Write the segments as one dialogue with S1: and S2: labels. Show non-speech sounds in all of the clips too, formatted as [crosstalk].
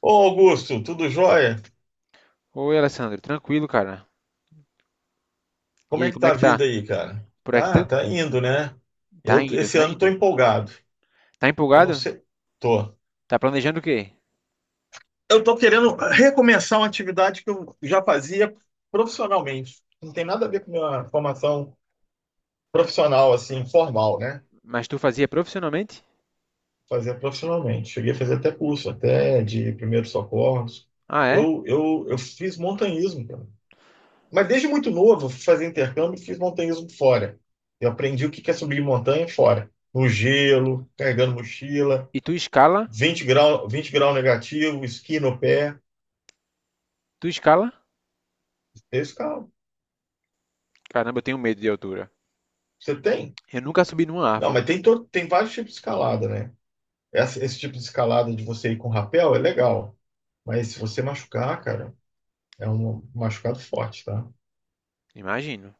S1: Ô Augusto, tudo jóia?
S2: Oi, Alessandro, tranquilo, cara. E
S1: Como
S2: aí,
S1: é que
S2: como é
S1: tá a
S2: que tá?
S1: vida aí, cara?
S2: Por aqui tá,
S1: Tá indo, né?
S2: tá
S1: Eu
S2: indo,
S1: esse
S2: tá
S1: ano tô
S2: indo.
S1: empolgado.
S2: Tá
S1: Eu não
S2: empolgado?
S1: sei, tô.
S2: Tá planejando o quê?
S1: Eu tô querendo recomeçar uma atividade que eu já fazia profissionalmente. Não tem nada a ver com minha formação profissional assim, formal, né?
S2: Mas tu fazia profissionalmente?
S1: Fazia profissionalmente. Cheguei a fazer até curso, até de primeiros socorros.
S2: Ah, é?
S1: Eu fiz montanhismo, cara. Mas desde muito novo, fui fazer intercâmbio e fiz montanhismo fora. Eu aprendi o que que é subir montanha fora. No gelo, carregando mochila,
S2: E tu escala?
S1: 20 grau, 20 grau negativo, esqui no pé.
S2: Tu escala?
S1: Eu escalo.
S2: Caramba, eu tenho medo de altura.
S1: Você tem?
S2: Eu nunca subi numa
S1: Não, mas
S2: árvore,
S1: tem vários tipos de escalada, né? Esse tipo de escalada de você ir com rapel é legal. Mas se você machucar, cara, é um machucado forte, tá?
S2: imagino.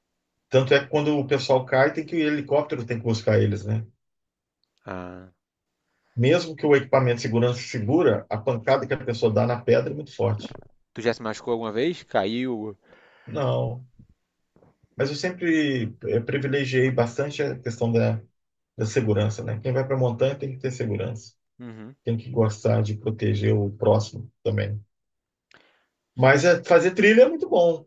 S1: Tanto é que quando o pessoal cai, tem que o helicóptero tem que buscar eles, né?
S2: Ah,
S1: Mesmo que o equipamento de segurança segura, a pancada que a pessoa dá na pedra é muito forte.
S2: tu já se machucou alguma vez? Caiu?
S1: Não, mas eu sempre privilegiei bastante a questão da segurança, né? Quem vai para a montanha tem que ter segurança,
S2: Uhum.
S1: tem que gostar de proteger o próximo também. Mas fazer trilha é muito bom.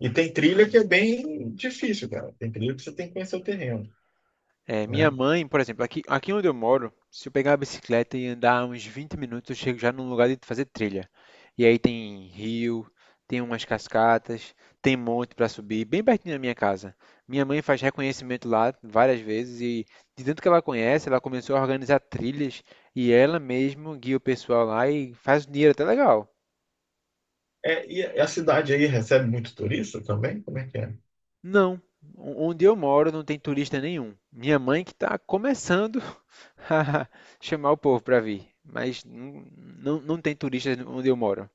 S1: E tem trilha que é bem difícil, cara. Tem trilha que você tem que conhecer o terreno,
S2: É, minha
S1: né?
S2: mãe, por exemplo, aqui onde eu moro, se eu pegar a bicicleta e andar uns 20 minutos, eu chego já num lugar de fazer trilha. E aí tem rio, tem umas cascatas, tem monte para subir, bem pertinho da minha casa. Minha mãe faz reconhecimento lá várias vezes e, de tanto que ela conhece, ela começou a organizar trilhas e ela mesma guia o pessoal lá e faz dinheiro até legal.
S1: É, e a cidade aí recebe muito turista também? Como é que é?
S2: Não, onde eu moro não tem turista nenhum. Minha mãe que está começando [laughs] chamar o povo para vir, mas não, não, não tem turistas onde eu moro.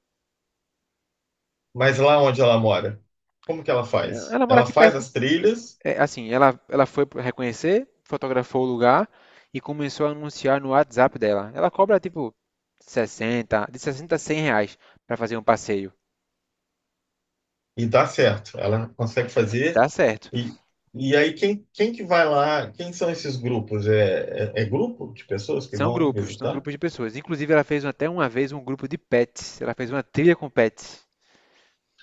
S1: Mas lá onde ela mora, como que ela faz?
S2: Ela mora
S1: Ela
S2: aqui
S1: faz
S2: perto.
S1: as trilhas.
S2: É, assim, ela foi reconhecer, fotografou o lugar e começou a anunciar no WhatsApp dela. Ela cobra tipo 60 de 60 a 100 reais para fazer um passeio.
S1: E dá certo, ela consegue
S2: Dá
S1: fazer.
S2: certo.
S1: E, e aí, quem que vai lá? Quem são esses grupos? É grupo de pessoas que vão
S2: São
S1: visitar?
S2: grupos de
S1: [laughs]
S2: pessoas. Inclusive, ela fez até uma vez um grupo de pets. Ela fez uma trilha com pets.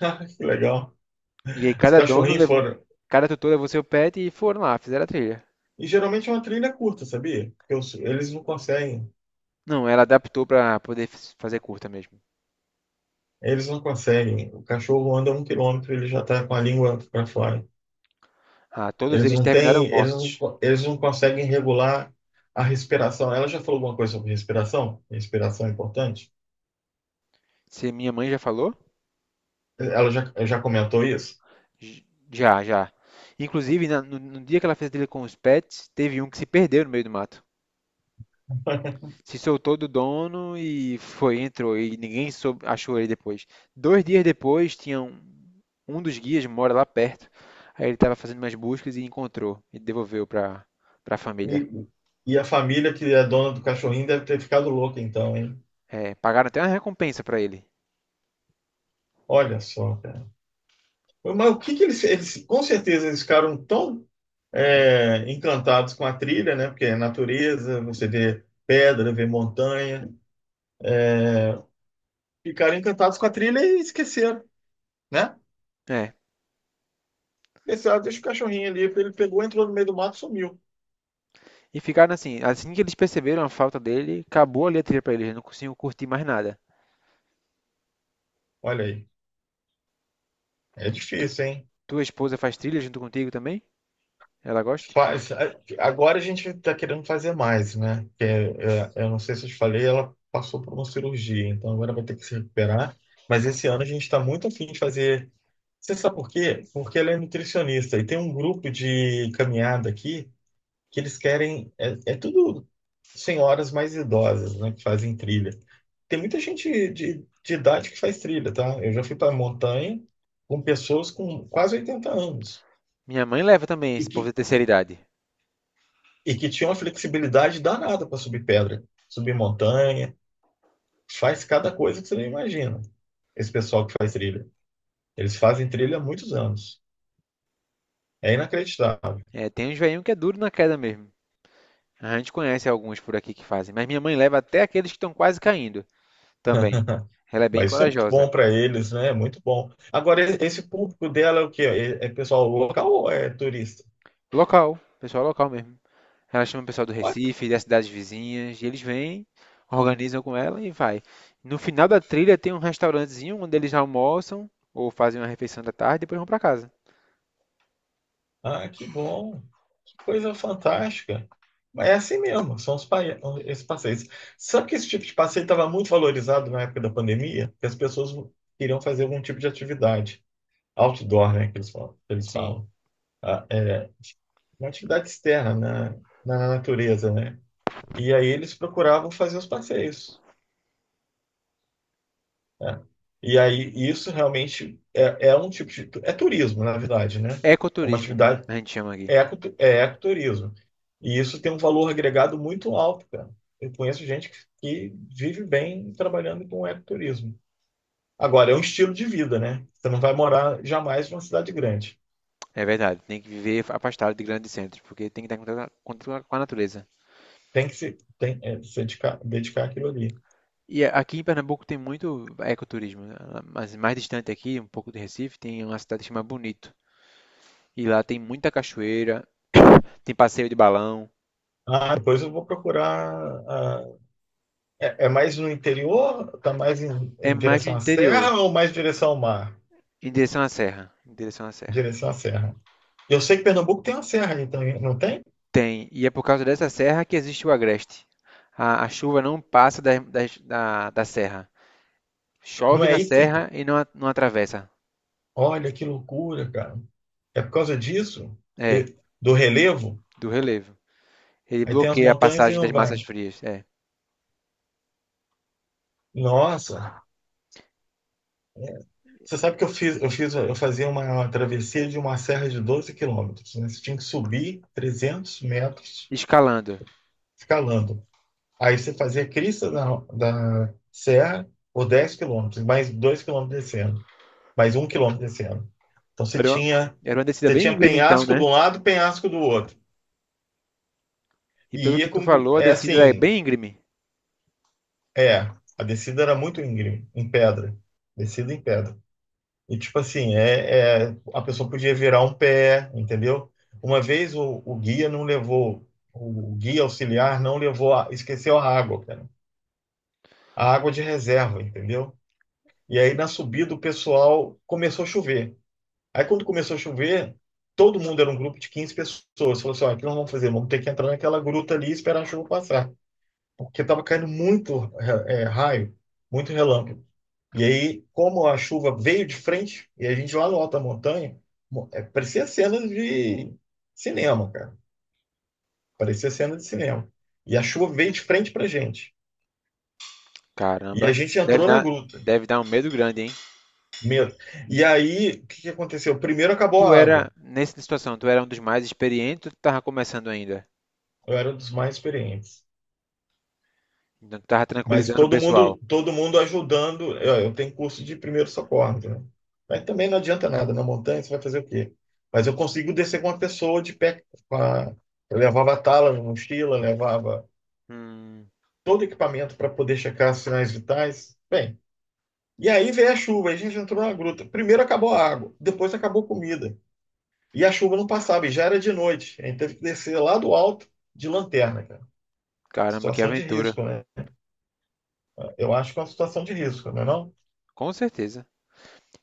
S1: Ah, que legal.
S2: E aí
S1: Os
S2: cada dono
S1: cachorrinhos
S2: levou,
S1: foram.
S2: cada tutor levou seu pet e foram lá, fizeram a trilha.
S1: E geralmente é uma trilha curta, sabia? Porque eles não conseguem.
S2: Não, ela adaptou para poder fazer curta mesmo.
S1: Eles não conseguem. O cachorro anda 1 quilômetro, ele já está com a língua para fora.
S2: Ah, todos
S1: Eles
S2: eles
S1: não
S2: terminaram
S1: têm,
S2: mortos.
S1: eles não conseguem regular a respiração. Ela já falou alguma coisa sobre respiração? Respiração é importante?
S2: Se minha mãe já falou?
S1: Ela já comentou isso?
S2: J- Já, já. Inclusive, no dia que ela fez dele com os pets, teve um que se perdeu no meio do mato. Se soltou do dono e foi, entrou e ninguém soube, achou ele depois. 2 dias depois, tinha um dos guias mora lá perto. Aí ele estava fazendo umas buscas e encontrou e devolveu para a família.
S1: E, e a família que é dona do cachorrinho deve ter ficado louca então, hein?
S2: É, pagaram até uma recompensa para ele.
S1: Olha só, cara. Mas o que que eles com certeza eles ficaram tão encantados com a trilha, né? Porque é natureza, você vê pedra, vê montanha, é, ficaram encantados com a trilha e esqueceram, né?
S2: É.
S1: Esqueceram, deixa o cachorrinho ali, ele pegou, entrou no meio do mato, e sumiu.
S2: E ficaram assim, assim que eles perceberam a falta dele, acabou ali a trilha para eles, não conseguiam curtir mais nada.
S1: Olha aí, é difícil, hein?
S2: Tua esposa faz trilha junto contigo também? Ela gosta?
S1: Faz, agora a gente está querendo fazer mais, né? Eu não sei se eu te falei, ela passou por uma cirurgia, então agora vai ter que se recuperar. Mas esse ano a gente está muito afim de fazer. Você sabe por quê? Porque ela é nutricionista e tem um grupo de caminhada aqui que eles querem. É tudo senhoras mais idosas, né? Que fazem trilha. Tem muita gente de idade que faz trilha, tá? Eu já fui para a montanha com pessoas com quase 80 anos
S2: Minha mãe leva também
S1: e
S2: esse
S1: que
S2: povo da terceira idade.
S1: e que tinha uma flexibilidade danada para subir pedra, subir montanha, faz cada coisa que você não imagina. Esse pessoal que faz trilha, eles fazem trilha há muitos anos. É inacreditável.
S2: É, tem uns velhinhos que é duro na queda mesmo. A gente conhece alguns por aqui que fazem, mas minha mãe leva até aqueles que estão quase caindo também.
S1: [laughs]
S2: Ela é bem
S1: Mas isso é muito
S2: corajosa.
S1: bom para eles, né? É muito bom. Agora, esse público dela é o quê? É pessoal local ou é turista?
S2: Local, pessoal local mesmo. Ela chama o pessoal do
S1: Olha,
S2: Recife, das cidades vizinhas, e eles vêm, organizam com ela e vai. No final da trilha tem um restaurantezinho onde eles almoçam ou fazem uma refeição da tarde e depois vão para casa.
S1: ah, que bom. Coisa fantástica. Mas é assim mesmo, são esses passeios. Sabe que esse tipo de passeio estava muito valorizado na época da pandemia? Porque as pessoas queriam fazer algum tipo de atividade. Outdoor, né, que eles falam.
S2: Sim,
S1: Ah, é, uma atividade externa, né, na natureza, né? E aí eles procuravam fazer os passeios, né? E aí isso realmente é um tipo de... É turismo, na verdade, né? É uma
S2: ecoturismo,
S1: atividade.
S2: a gente chama aqui.
S1: É ecoturismo. E isso tem um valor agregado muito alto, cara. Eu conheço gente que vive bem trabalhando com ecoturismo. Agora, é um estilo de vida, né? Você não vai morar jamais numa cidade grande.
S2: É verdade, tem que viver afastado de grandes centros, porque tem que estar em contato com a natureza.
S1: Tem que se, se dedicar àquilo ali.
S2: E a- aqui em Pernambuco tem muito ecoturismo, né? Mas mais distante aqui, um pouco de Recife, tem uma cidade que chama Bonito. E lá tem muita cachoeira, tem passeio de balão.
S1: Ah, depois eu vou procurar. Ah, é mais no interior? Está mais em,
S2: É
S1: em
S2: mais do
S1: direção à
S2: interior,
S1: serra ou mais direção ao mar?
S2: em direção à serra, em direção à serra.
S1: Direção à serra. Eu sei que Pernambuco tem uma serra aí também, não tem?
S2: Tem, e é por causa dessa serra que existe o agreste. A chuva não passa da serra.
S1: Não
S2: Chove
S1: é
S2: na
S1: aí que tem.
S2: serra e não, não atravessa.
S1: Olha que loucura, cara. É por causa disso?
S2: É,
S1: De- do relevo?
S2: do relevo. Ele
S1: Aí tem as
S2: bloqueia a
S1: montanhas e
S2: passagem
S1: não
S2: das massas
S1: vai.
S2: frias. É.
S1: Nossa. É. Você sabe que eu fazia uma travessia de uma serra de 12 quilômetros, né? Você tinha que subir 300 metros
S2: Escalando.
S1: escalando. Aí você fazia a crista da serra por 10 quilômetros, mais 2 quilômetros descendo, mais 1 quilômetro descendo. Então
S2: Era uma, era uma descida
S1: você
S2: bem
S1: tinha
S2: íngreme então,
S1: penhasco de
S2: né?
S1: um lado, penhasco do outro.
S2: E
S1: E
S2: pelo
S1: ia
S2: que tu
S1: com,
S2: falou, a
S1: é
S2: descida é
S1: assim,
S2: bem íngreme.
S1: É, a descida era muito íngreme, em pedra. Descida em pedra. E tipo assim, a pessoa podia virar um pé, entendeu? Uma vez o guia auxiliar não levou, esqueceu a água, cara. A água de reserva, entendeu? E aí na subida o pessoal começou a chover. Aí quando começou a chover, todo mundo era um grupo de 15 pessoas. Falou assim, ó, o que nós vamos fazer? Vamos ter que entrar naquela gruta ali e esperar a chuva passar. Porque estava caindo muito raio, muito relâmpago. E aí, como a chuva veio de frente, e a gente lá no Alta Montanha, parecia cena de cinema, cara. Parecia cena de cinema. E a chuva veio de frente pra gente. E a
S2: Caramba,
S1: gente entrou na gruta.
S2: deve dar um medo grande, hein?
S1: Medo. E aí, o que que aconteceu? Primeiro acabou
S2: Tu
S1: a água.
S2: era, nessa situação, tu era um dos mais experientes ou tu tava começando ainda?
S1: Eu era um dos mais experientes.
S2: Então tu tava
S1: Mas
S2: tranquilizando o pessoal.
S1: todo mundo ajudando. Eu tenho curso de primeiro socorro, né? Mas também não adianta nada. Na montanha você vai fazer o quê? Mas eu consigo descer com uma pessoa de pé. Com a... Eu levava tala, mochila, levava
S2: Hum,
S1: todo o equipamento para poder checar os sinais vitais. Bem, e aí veio a chuva, aí a gente entrou na gruta. Primeiro acabou a água, depois acabou a comida. E a chuva não passava, e já era de noite. A gente teve que descer lá do alto de lanterna, cara.
S2: caramba, que
S1: Situação de
S2: aventura.
S1: risco, né? Eu acho que é uma situação de risco, não é não?
S2: Com certeza.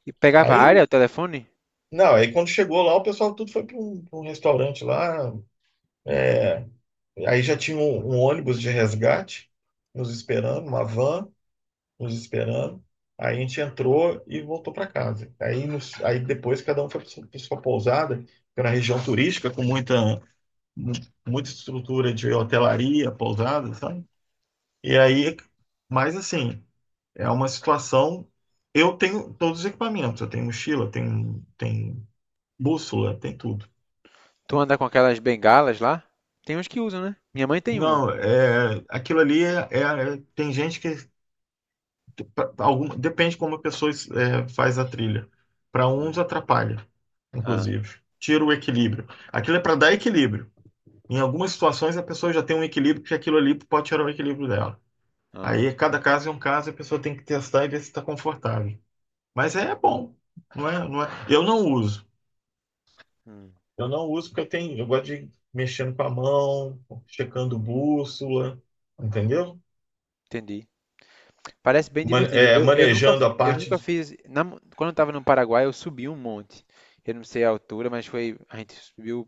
S2: E pegava a
S1: Aí
S2: área, o telefone?
S1: Não, aí quando chegou lá, o pessoal tudo foi pra um restaurante lá. é, Aí já tinha um ônibus de resgate nos esperando, uma van nos esperando. Aí a gente entrou e voltou para casa. Aí, aí depois cada um foi para sua pousada, que era uma região turística com muita, mu- muita estrutura de hotelaria, pousada, sabe? E aí, mas assim, é uma situação. Eu tenho todos os equipamentos, eu tenho mochila, tenho bússola, tem tudo.
S2: Tu anda com aquelas bengalas lá? Tem uns que usam, né? Minha mãe tem uma.
S1: Não, é, aquilo ali tem gente que alguma, depende como a pessoa é, faz a trilha. Para uns atrapalha,
S2: Ah,
S1: inclusive, tira o equilíbrio. Aquilo é para dar equilíbrio. Em algumas situações a pessoa já tem um equilíbrio que aquilo ali pode tirar o equilíbrio dela.
S2: ah,
S1: Aí cada caso é um caso, a pessoa tem que testar e ver se está confortável. Mas é bom, não é, não é. Eu não uso.
S2: hum,
S1: Eu não uso porque eu tenho, eu gosto de ir mexendo com a mão, checando bússola, entendeu?
S2: entendi. Parece bem divertido. Eu, eu nunca,
S1: Manejando
S2: fi-
S1: a
S2: eu
S1: parte.
S2: nunca fiz. Quando eu estava no Paraguai, eu subi um monte. Eu não sei a altura, mas foi. A gente subiu.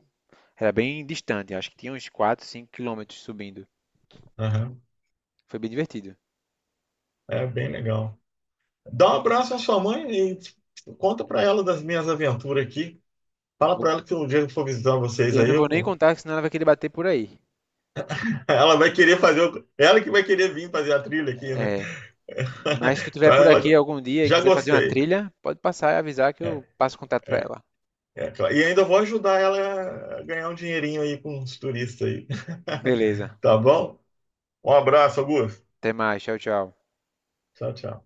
S2: Era bem distante, acho que tinha uns 4, 5 quilômetros subindo.
S1: Aham.
S2: Foi bem divertido.
S1: É bem legal. Dá um abraço à sua mãe e conta para ela das minhas aventuras aqui. Fala
S2: Vou
S1: para
S2: con-
S1: ela que um dia que eu for visitar vocês
S2: eu
S1: aí,
S2: não
S1: eu
S2: vou nem
S1: vou.
S2: contar, senão ela vai querer bater por aí.
S1: [laughs] Ela vai querer fazer. Ela que vai querer vir fazer a trilha aqui, né?
S2: É, mas se tu
S1: [laughs] Então
S2: estiver por aqui
S1: ela.
S2: algum dia e
S1: Já
S2: quiser fazer uma
S1: gostei.
S2: trilha, pode passar e avisar que
S1: É,
S2: eu passo contato para
S1: é,
S2: ela.
S1: É claro. E ainda vou ajudar ela a ganhar um dinheirinho aí com os turistas aí.
S2: Beleza.
S1: [laughs] Tá bom? Um abraço, Augusto.
S2: Até mais. Tchau, tchau.
S1: Tchau, tchau.